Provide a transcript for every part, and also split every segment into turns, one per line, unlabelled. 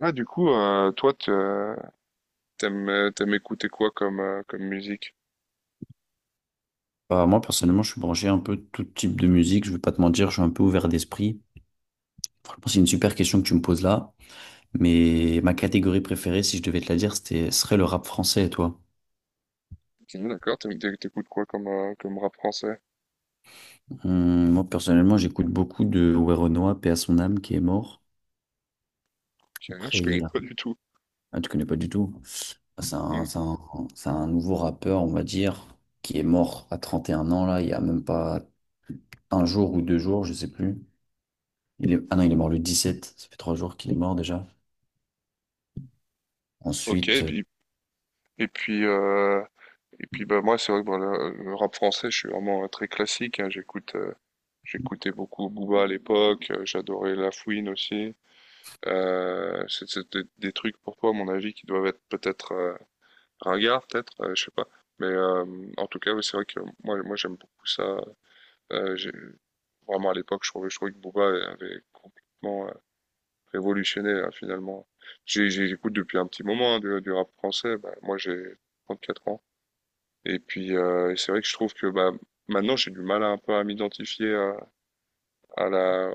Ah, toi, t'aimes écouter quoi comme, comme musique?
Bah, moi, personnellement, je suis branché un peu tout type de musique. Je vais pas te mentir, je suis un peu ouvert d'esprit. Franchement, c'est une super question que tu me poses là. Mais ma catégorie préférée, si je devais te la dire, c'était, serait le rap français. Et toi?
Ok, d'accord, t'écoutes quoi comme, comme rap français?
Moi, personnellement, j'écoute beaucoup de Werenoi, paix à son âme, qui est mort.
Je
Après,
connais
il a-
pas du tout.
ah, tu connais pas du tout. C'est
Hmm.
un, c'est un, c'est un nouveau rappeur, on va dire, qui est mort à 31 ans, là. Il y a même pas un jour ou deux jours, je sais plus. Il est... Ah non, il est mort le 17. Ça fait 3 jours qu'il est mort déjà.
Ok,
Ensuite.
et puis, euh, et puis bah, moi, c'est vrai que bah, le rap français, je suis vraiment très classique, hein. J'écoutais beaucoup Booba à l'époque, j'adorais La Fouine aussi. C'est des trucs, pour toi, à mon avis, qui doivent être peut-être ringards, peut-être, je sais pas. Mais euh, En tout cas, ouais, c'est vrai que moi j'aime beaucoup ça. Euh, j'ai- Vraiment, à l'époque, je trouvais que Booba avait complètement révolutionné, hein, finalement. J'écoute depuis un petit moment hein, du rap français. Bah, moi, j'ai 34 ans. Et puis, c'est vrai que je trouve que bah, maintenant, j'ai du mal à, un peu à m'identifier à la,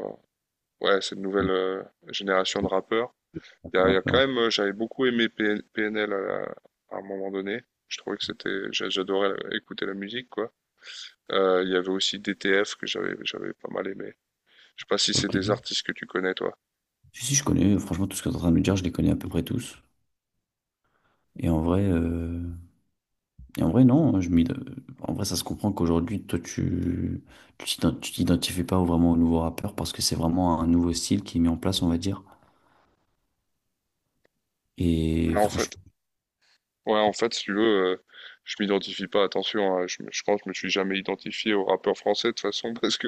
ouais, cette
euh,
nouvelle génération de rappeurs.
Un
Il y a quand
rappeur,
même, j'avais beaucoup aimé PN PNL à un moment donné. Je trouvais que c'était, j'a- J'adorais écouter la musique, quoi. Il y avait aussi DTF que j'avais pas mal aimé. Je sais pas si c'est des
ok.
artistes que tu connais, toi.
Si, si, je connais, franchement, tout ce que tu es en train de me dire, je les connais à peu près tous. Et en vrai, non, en vrai, ça se comprend qu'aujourd'hui, toi, tu t'identifies pas vraiment au nouveau rappeur parce que c'est vraiment un nouveau style qui est mis en place, on va dire. Et
Ouais, en fait,
franchement,
ouais, en fait, si tu veux, je m'identifie pas, attention, hein, je pense que je me suis jamais identifié aux rappeurs français de toute façon, parce que,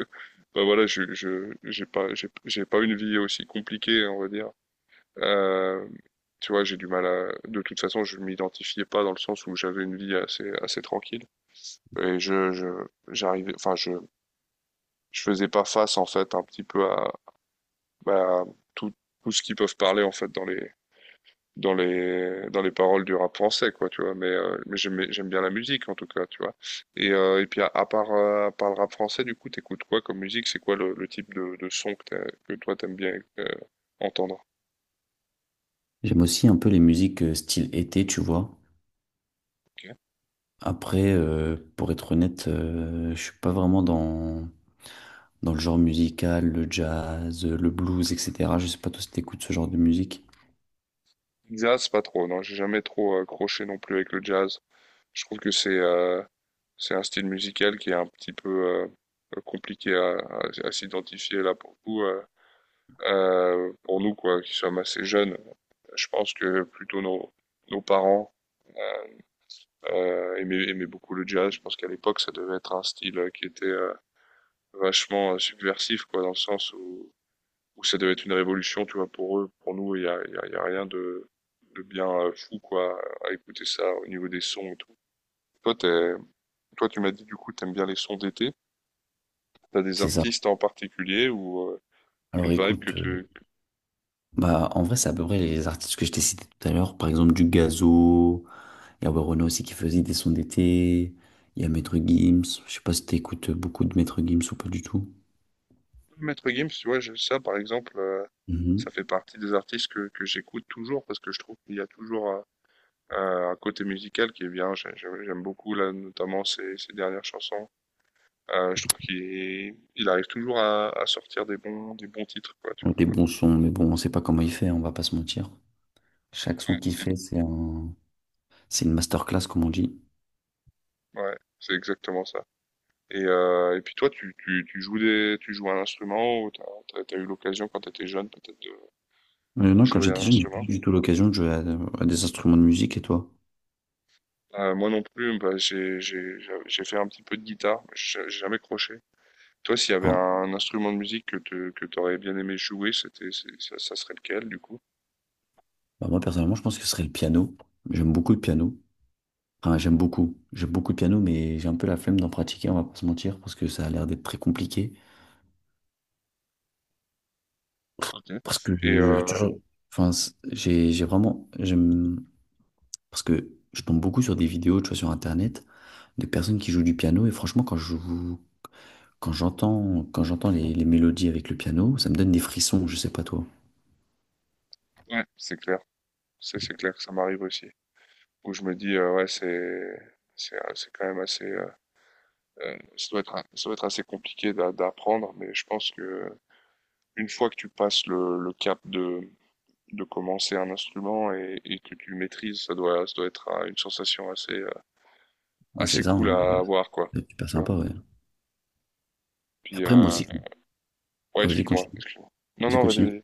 bah voilà, j'ai pas, j'ai pas une vie aussi compliquée, on va dire. Euh, tu vois, j'ai du mal à... De toute façon, je m'identifiais pas dans le sens où j'avais une vie assez tranquille. Et je, j'arrivais, enfin, je faisais pas face, en fait, un petit peu à, bah, à tout, tout ce qu'ils peuvent parler, en fait, dans les paroles du rap français, quoi, tu vois. Mais j'aime bien la musique, en tout cas, tu vois. Et puis, à part le rap français, du coup, t'écoutes quoi comme musique? C'est quoi le type de son que, que toi, t'aimes bien entendre?
j'aime aussi un peu les musiques style été, tu vois. Après, pour être honnête, je suis pas vraiment dans, dans le genre musical, le jazz, le blues, etc. Je sais pas toi si t'écoutes ce genre de musique.
Jazz, pas trop, non, j'ai jamais trop accroché non plus avec le jazz. Je trouve que c'est un style musical qui est un petit peu compliqué à s'identifier là pour nous quoi, qui sommes assez jeunes. Je pense que plutôt nos parents aimaient beaucoup le jazz. Je pense qu'à l'époque, ça devait être un style qui était vachement subversif, quoi, dans le sens où, où ça devait être une révolution, tu vois, pour eux, pour nous, il y a rien de, de bien fou, quoi, à écouter ça au niveau des sons et tout. Toi, t'es- Toi, tu m'as dit du coup, t'aimes bien les sons d'été. T'as des
C'est ça.
artistes en particulier ou une
Alors
vibe que
écoute.
tu...
Bah, en vrai, c'est à peu près les artistes que je t'ai cités tout à l'heure. Par exemple, du Gazo. Il y a Werenoi aussi qui faisait des sons d'été. Il y a Maître Gims. Je sais pas si t'écoutes beaucoup de Maître Gims ou pas du tout.
Maître Gims, tu vois, ça par exemple, ça
Mhm.
fait partie des artistes que j'écoute toujours parce que je trouve qu'il y a toujours un, un côté musical qui est bien. J'aime beaucoup là, notamment ses, ses dernières chansons. Je trouve qu'il arrive toujours à sortir des bons titres, quoi, tu vois.
Des bons sons, mais bon, on sait pas comment il fait, on va pas se mentir. Chaque son
Ouais,
qu'il
Et-
fait, c'est un... c'est une masterclass, comme on dit.
ouais, c'est exactement ça. Et puis toi, tu joues des, tu joues un instrument ou t'as, as eu l'occasion quand t'étais jeune peut-être de
Mais non, quand
jouer
j'étais
un
jeune, j'ai pas eu
instrument.
du tout l'occasion de jouer à des instruments de musique. Et toi?
Moi non plus, bah, j'ai fait un petit peu de guitare, mais j'ai jamais croché. Toi, s'il y avait
Hein.
un instrument de musique que te, que t'aurais bien aimé jouer, ça serait lequel du coup?
Bah, moi, personnellement, je pense que ce serait le piano. J'aime beaucoup le piano. Enfin, j'aime beaucoup. J'aime beaucoup le piano, mais j'ai un peu la flemme d'en pratiquer, on va pas se mentir, parce que ça a l'air d'être très compliqué.
Ok.
Parce que
Et
toujours, enfin, j'ai vraiment, j'aime, parce que je tombe beaucoup sur des vidéos, tu vois, sur Internet, de personnes qui jouent du piano, et franchement, quand j'entends les mélodies avec le piano, ça me donne des frissons, je sais pas toi.
ouais, c'est clair, c'est clair que ça m'arrive aussi. Où je me dis ouais, c'est quand même assez, ça doit être assez compliqué d'apprendre, mais je pense que une fois que tu passes le cap de commencer un instrument et que tu le maîtrises, ça doit être une sensation assez,
Moi,
assez
c'est ça, hein,
cool à avoir, quoi.
c'est super
Tu vois.
sympa, ouais. Et
Puis,
après, moi aussi,
ouais,
ah, vas-y, continue,
excuse-moi. Non,
vas-y,
non,
continue.
vas-y.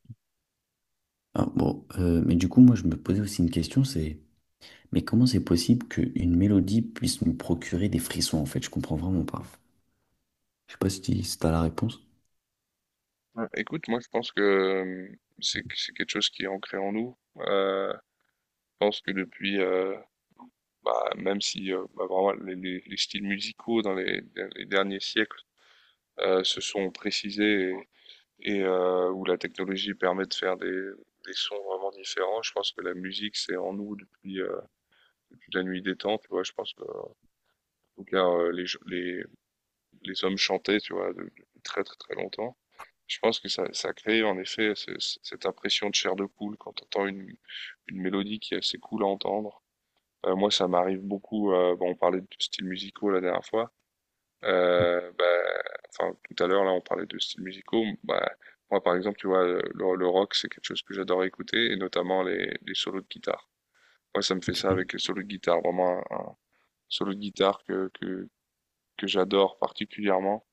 Ah, bon, mais du coup, moi, je me posais aussi une question, c'est, mais comment c'est possible qu'une mélodie puisse me procurer des frissons, en fait? Je comprends vraiment pas. Je sais pas si tu as la réponse.
Ouais. Écoute, moi, je pense que c'est quelque chose qui est ancré en nous. Je pense que depuis, bah, même si bah, vraiment les, les styles musicaux dans les derniers siècles se sont précisés et où la technologie permet de faire des sons vraiment différents. Je pense que la musique, c'est en nous depuis, depuis la nuit des temps, tu vois. Je pense que, en tout cas, les hommes chantaient, tu vois, depuis très, très, très longtemps. Je pense que ça crée en effet cette impression de chair de poule quand tu entends une mélodie qui est assez cool à entendre. Moi, ça m'arrive beaucoup, bon, on parlait de styles musicaux la dernière fois, euh, bah, enfin, tout à l'heure, là, on parlait de styles musicaux. Bah, moi, par exemple, tu vois, le rock, c'est quelque chose que j'adore écouter, et notamment les solos de guitare. Moi, ça me fait
Ok.
ça avec les solos de guitare. Vraiment, un solo de guitare que j'adore particulièrement,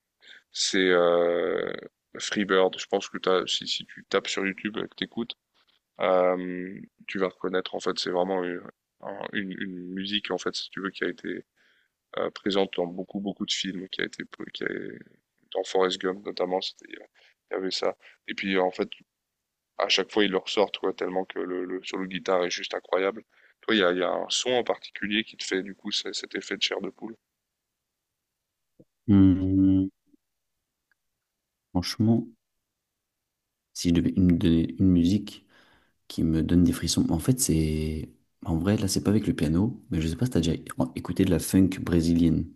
c'est Freebird. Je pense que t'as, si, si tu tapes sur YouTube et que t'écoutes, euh, tu vas reconnaître, en fait, c'est vraiment une, une musique, en fait, si tu veux, qui a été présente dans beaucoup, beaucoup de films, qui a été, qui a- dans Forrest Gump notamment, il y avait ça. Et puis, en fait, à chaque fois, ils le ressortent, quoi, tellement que le solo de guitare est juste incroyable. Toi, il y a un son en particulier qui te fait, du coup, cet effet de chair de poule.
Hum, Franchement, si je devais me donner une musique qui me donne des frissons, en fait, c'est. En vrai, là, c'est pas avec le piano, mais je sais pas si t'as déjà écouté de la funk brésilienne.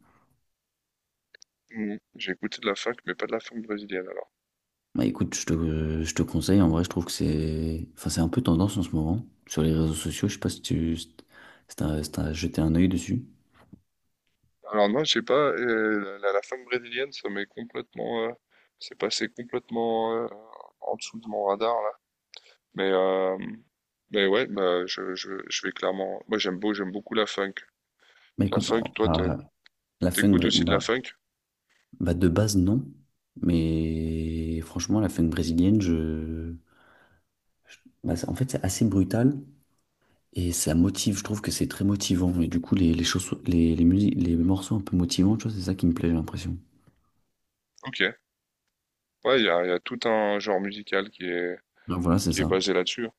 Mhm. J'ai écouté de la funk, mais pas de la funk brésilienne, alors.
Bah écoute, je te conseille, en vrai, je trouve que c'est. Enfin, c'est un peu tendance en ce moment. Sur les réseaux sociaux, je sais pas si tu. Si t'as si t'as jeté un œil dessus.
Alors, non, je sais pas, la funk brésilienne, ça m'est complètement, c'est passé complètement, en dessous de mon radar, là. Mais, euh, mais ouais, bah, je vais clairement. Moi, j'aime beaucoup la funk.
Bah
La
écoute,
funk,
la funk
t'écoutes aussi de la
brésilienne.
funk?
Bah de base non, mais franchement la funk brésilienne, je- bah, c'est- en fait c'est assez brutal et ça motive, je trouve que c'est très motivant et du coup les morceaux un peu motivants, tu vois, c'est ça qui me plaît j'ai l'impression.
Ok. Ouais, il y a tout un genre musical
Donc voilà c'est
qui est
ça.
basé là-dessus.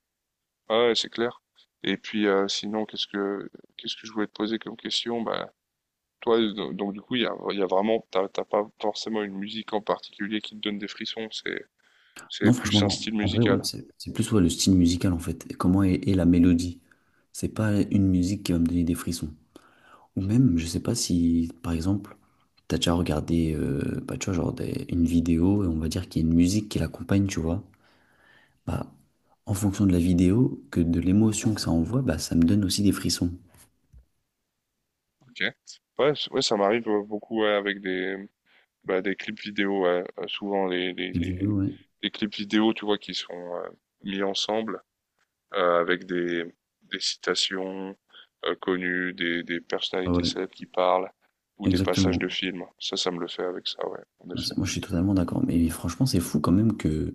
Ah ouais, c'est clair. Et puis, sinon, qu'est-ce que je voulais te poser comme question? Bah, toi, du coup, il y a vraiment, t'as pas forcément une musique en particulier qui te donne des frissons. C'est
Non
plus
franchement
un
non,
style
en vrai ouais,
musical.
c'est plus ouais, le style musical en fait, et comment est la mélodie. C'est pas une musique qui va me donner des frissons. Ou même, je sais pas si par exemple... T'as déjà regardé, bah, tu vois, une vidéo et on va dire qu'il y a une musique qui l'accompagne, tu vois. Bah, en fonction de la vidéo que de l'émotion que ça envoie, bah, ça me donne aussi des frissons.
Ok. Ouais, ça m'arrive beaucoup ouais, avec des, bah, des clips vidéo, ouais. Souvent
Les vidéos, ouais.
les clips vidéo, tu vois, qui sont mis ensemble avec des citations connues, des
Ah
personnalités
ouais,
célèbres qui parlent ou des passages
exactement.
de films. Ça me le fait avec ça, ouais, en
Ah,
effet.
c'est- moi, je suis totalement d'accord. Mais franchement, c'est fou quand même que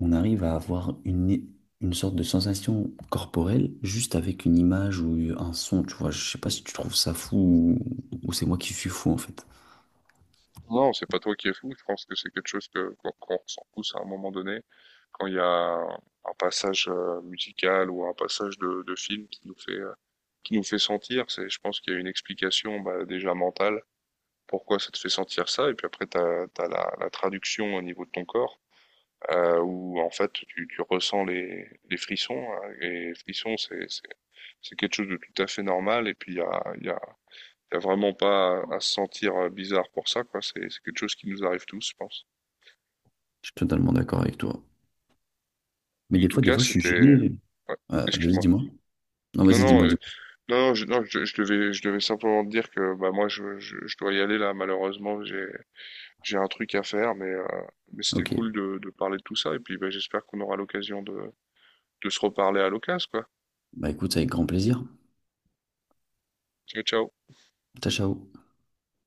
on arrive à avoir une sorte de sensation corporelle juste avec une image ou un son. Tu vois, je sais pas si tu trouves ça fou ou c'est moi qui suis fou en fait.
Non, c'est pas toi qui es fou. Je pense que c'est quelque chose que qu'on ressent tous à un moment donné quand il y a un passage musical ou un passage de film qui nous fait sentir. C'est, je pense qu'il y a une explication bah, déjà mentale pourquoi ça te fait sentir ça, et puis après, t'as la, la, traduction au niveau de ton corps, où en fait, tu ressens les frissons, hein, et les frissons, c'est quelque chose de tout à fait normal, et puis il y a, y, a, y a, vraiment pas à, à, se sentir bizarre pour ça, quoi. C'est quelque chose qui nous arrive tous, je pense.
Je suis totalement d'accord avec toi. Mais
En tout
des
cas,
fois, je suis
c'était...
gêné.
Ouais,
Vas-y,
excuse-moi.
dis-moi. Non,
Non,
vas-y,
non,
dis-moi.
non, non, je devais simplement te dire que bah, moi, je dois y aller là, malheureusement, j'ai un truc à faire, mais c'était
Ok.
cool de parler de tout ça. Et puis, bah, j'espère qu'on aura l'occasion de se reparler à l'occasion, quoi.
Bah écoute, avec grand plaisir.
Ciao, ciao.
Ciao, ciao.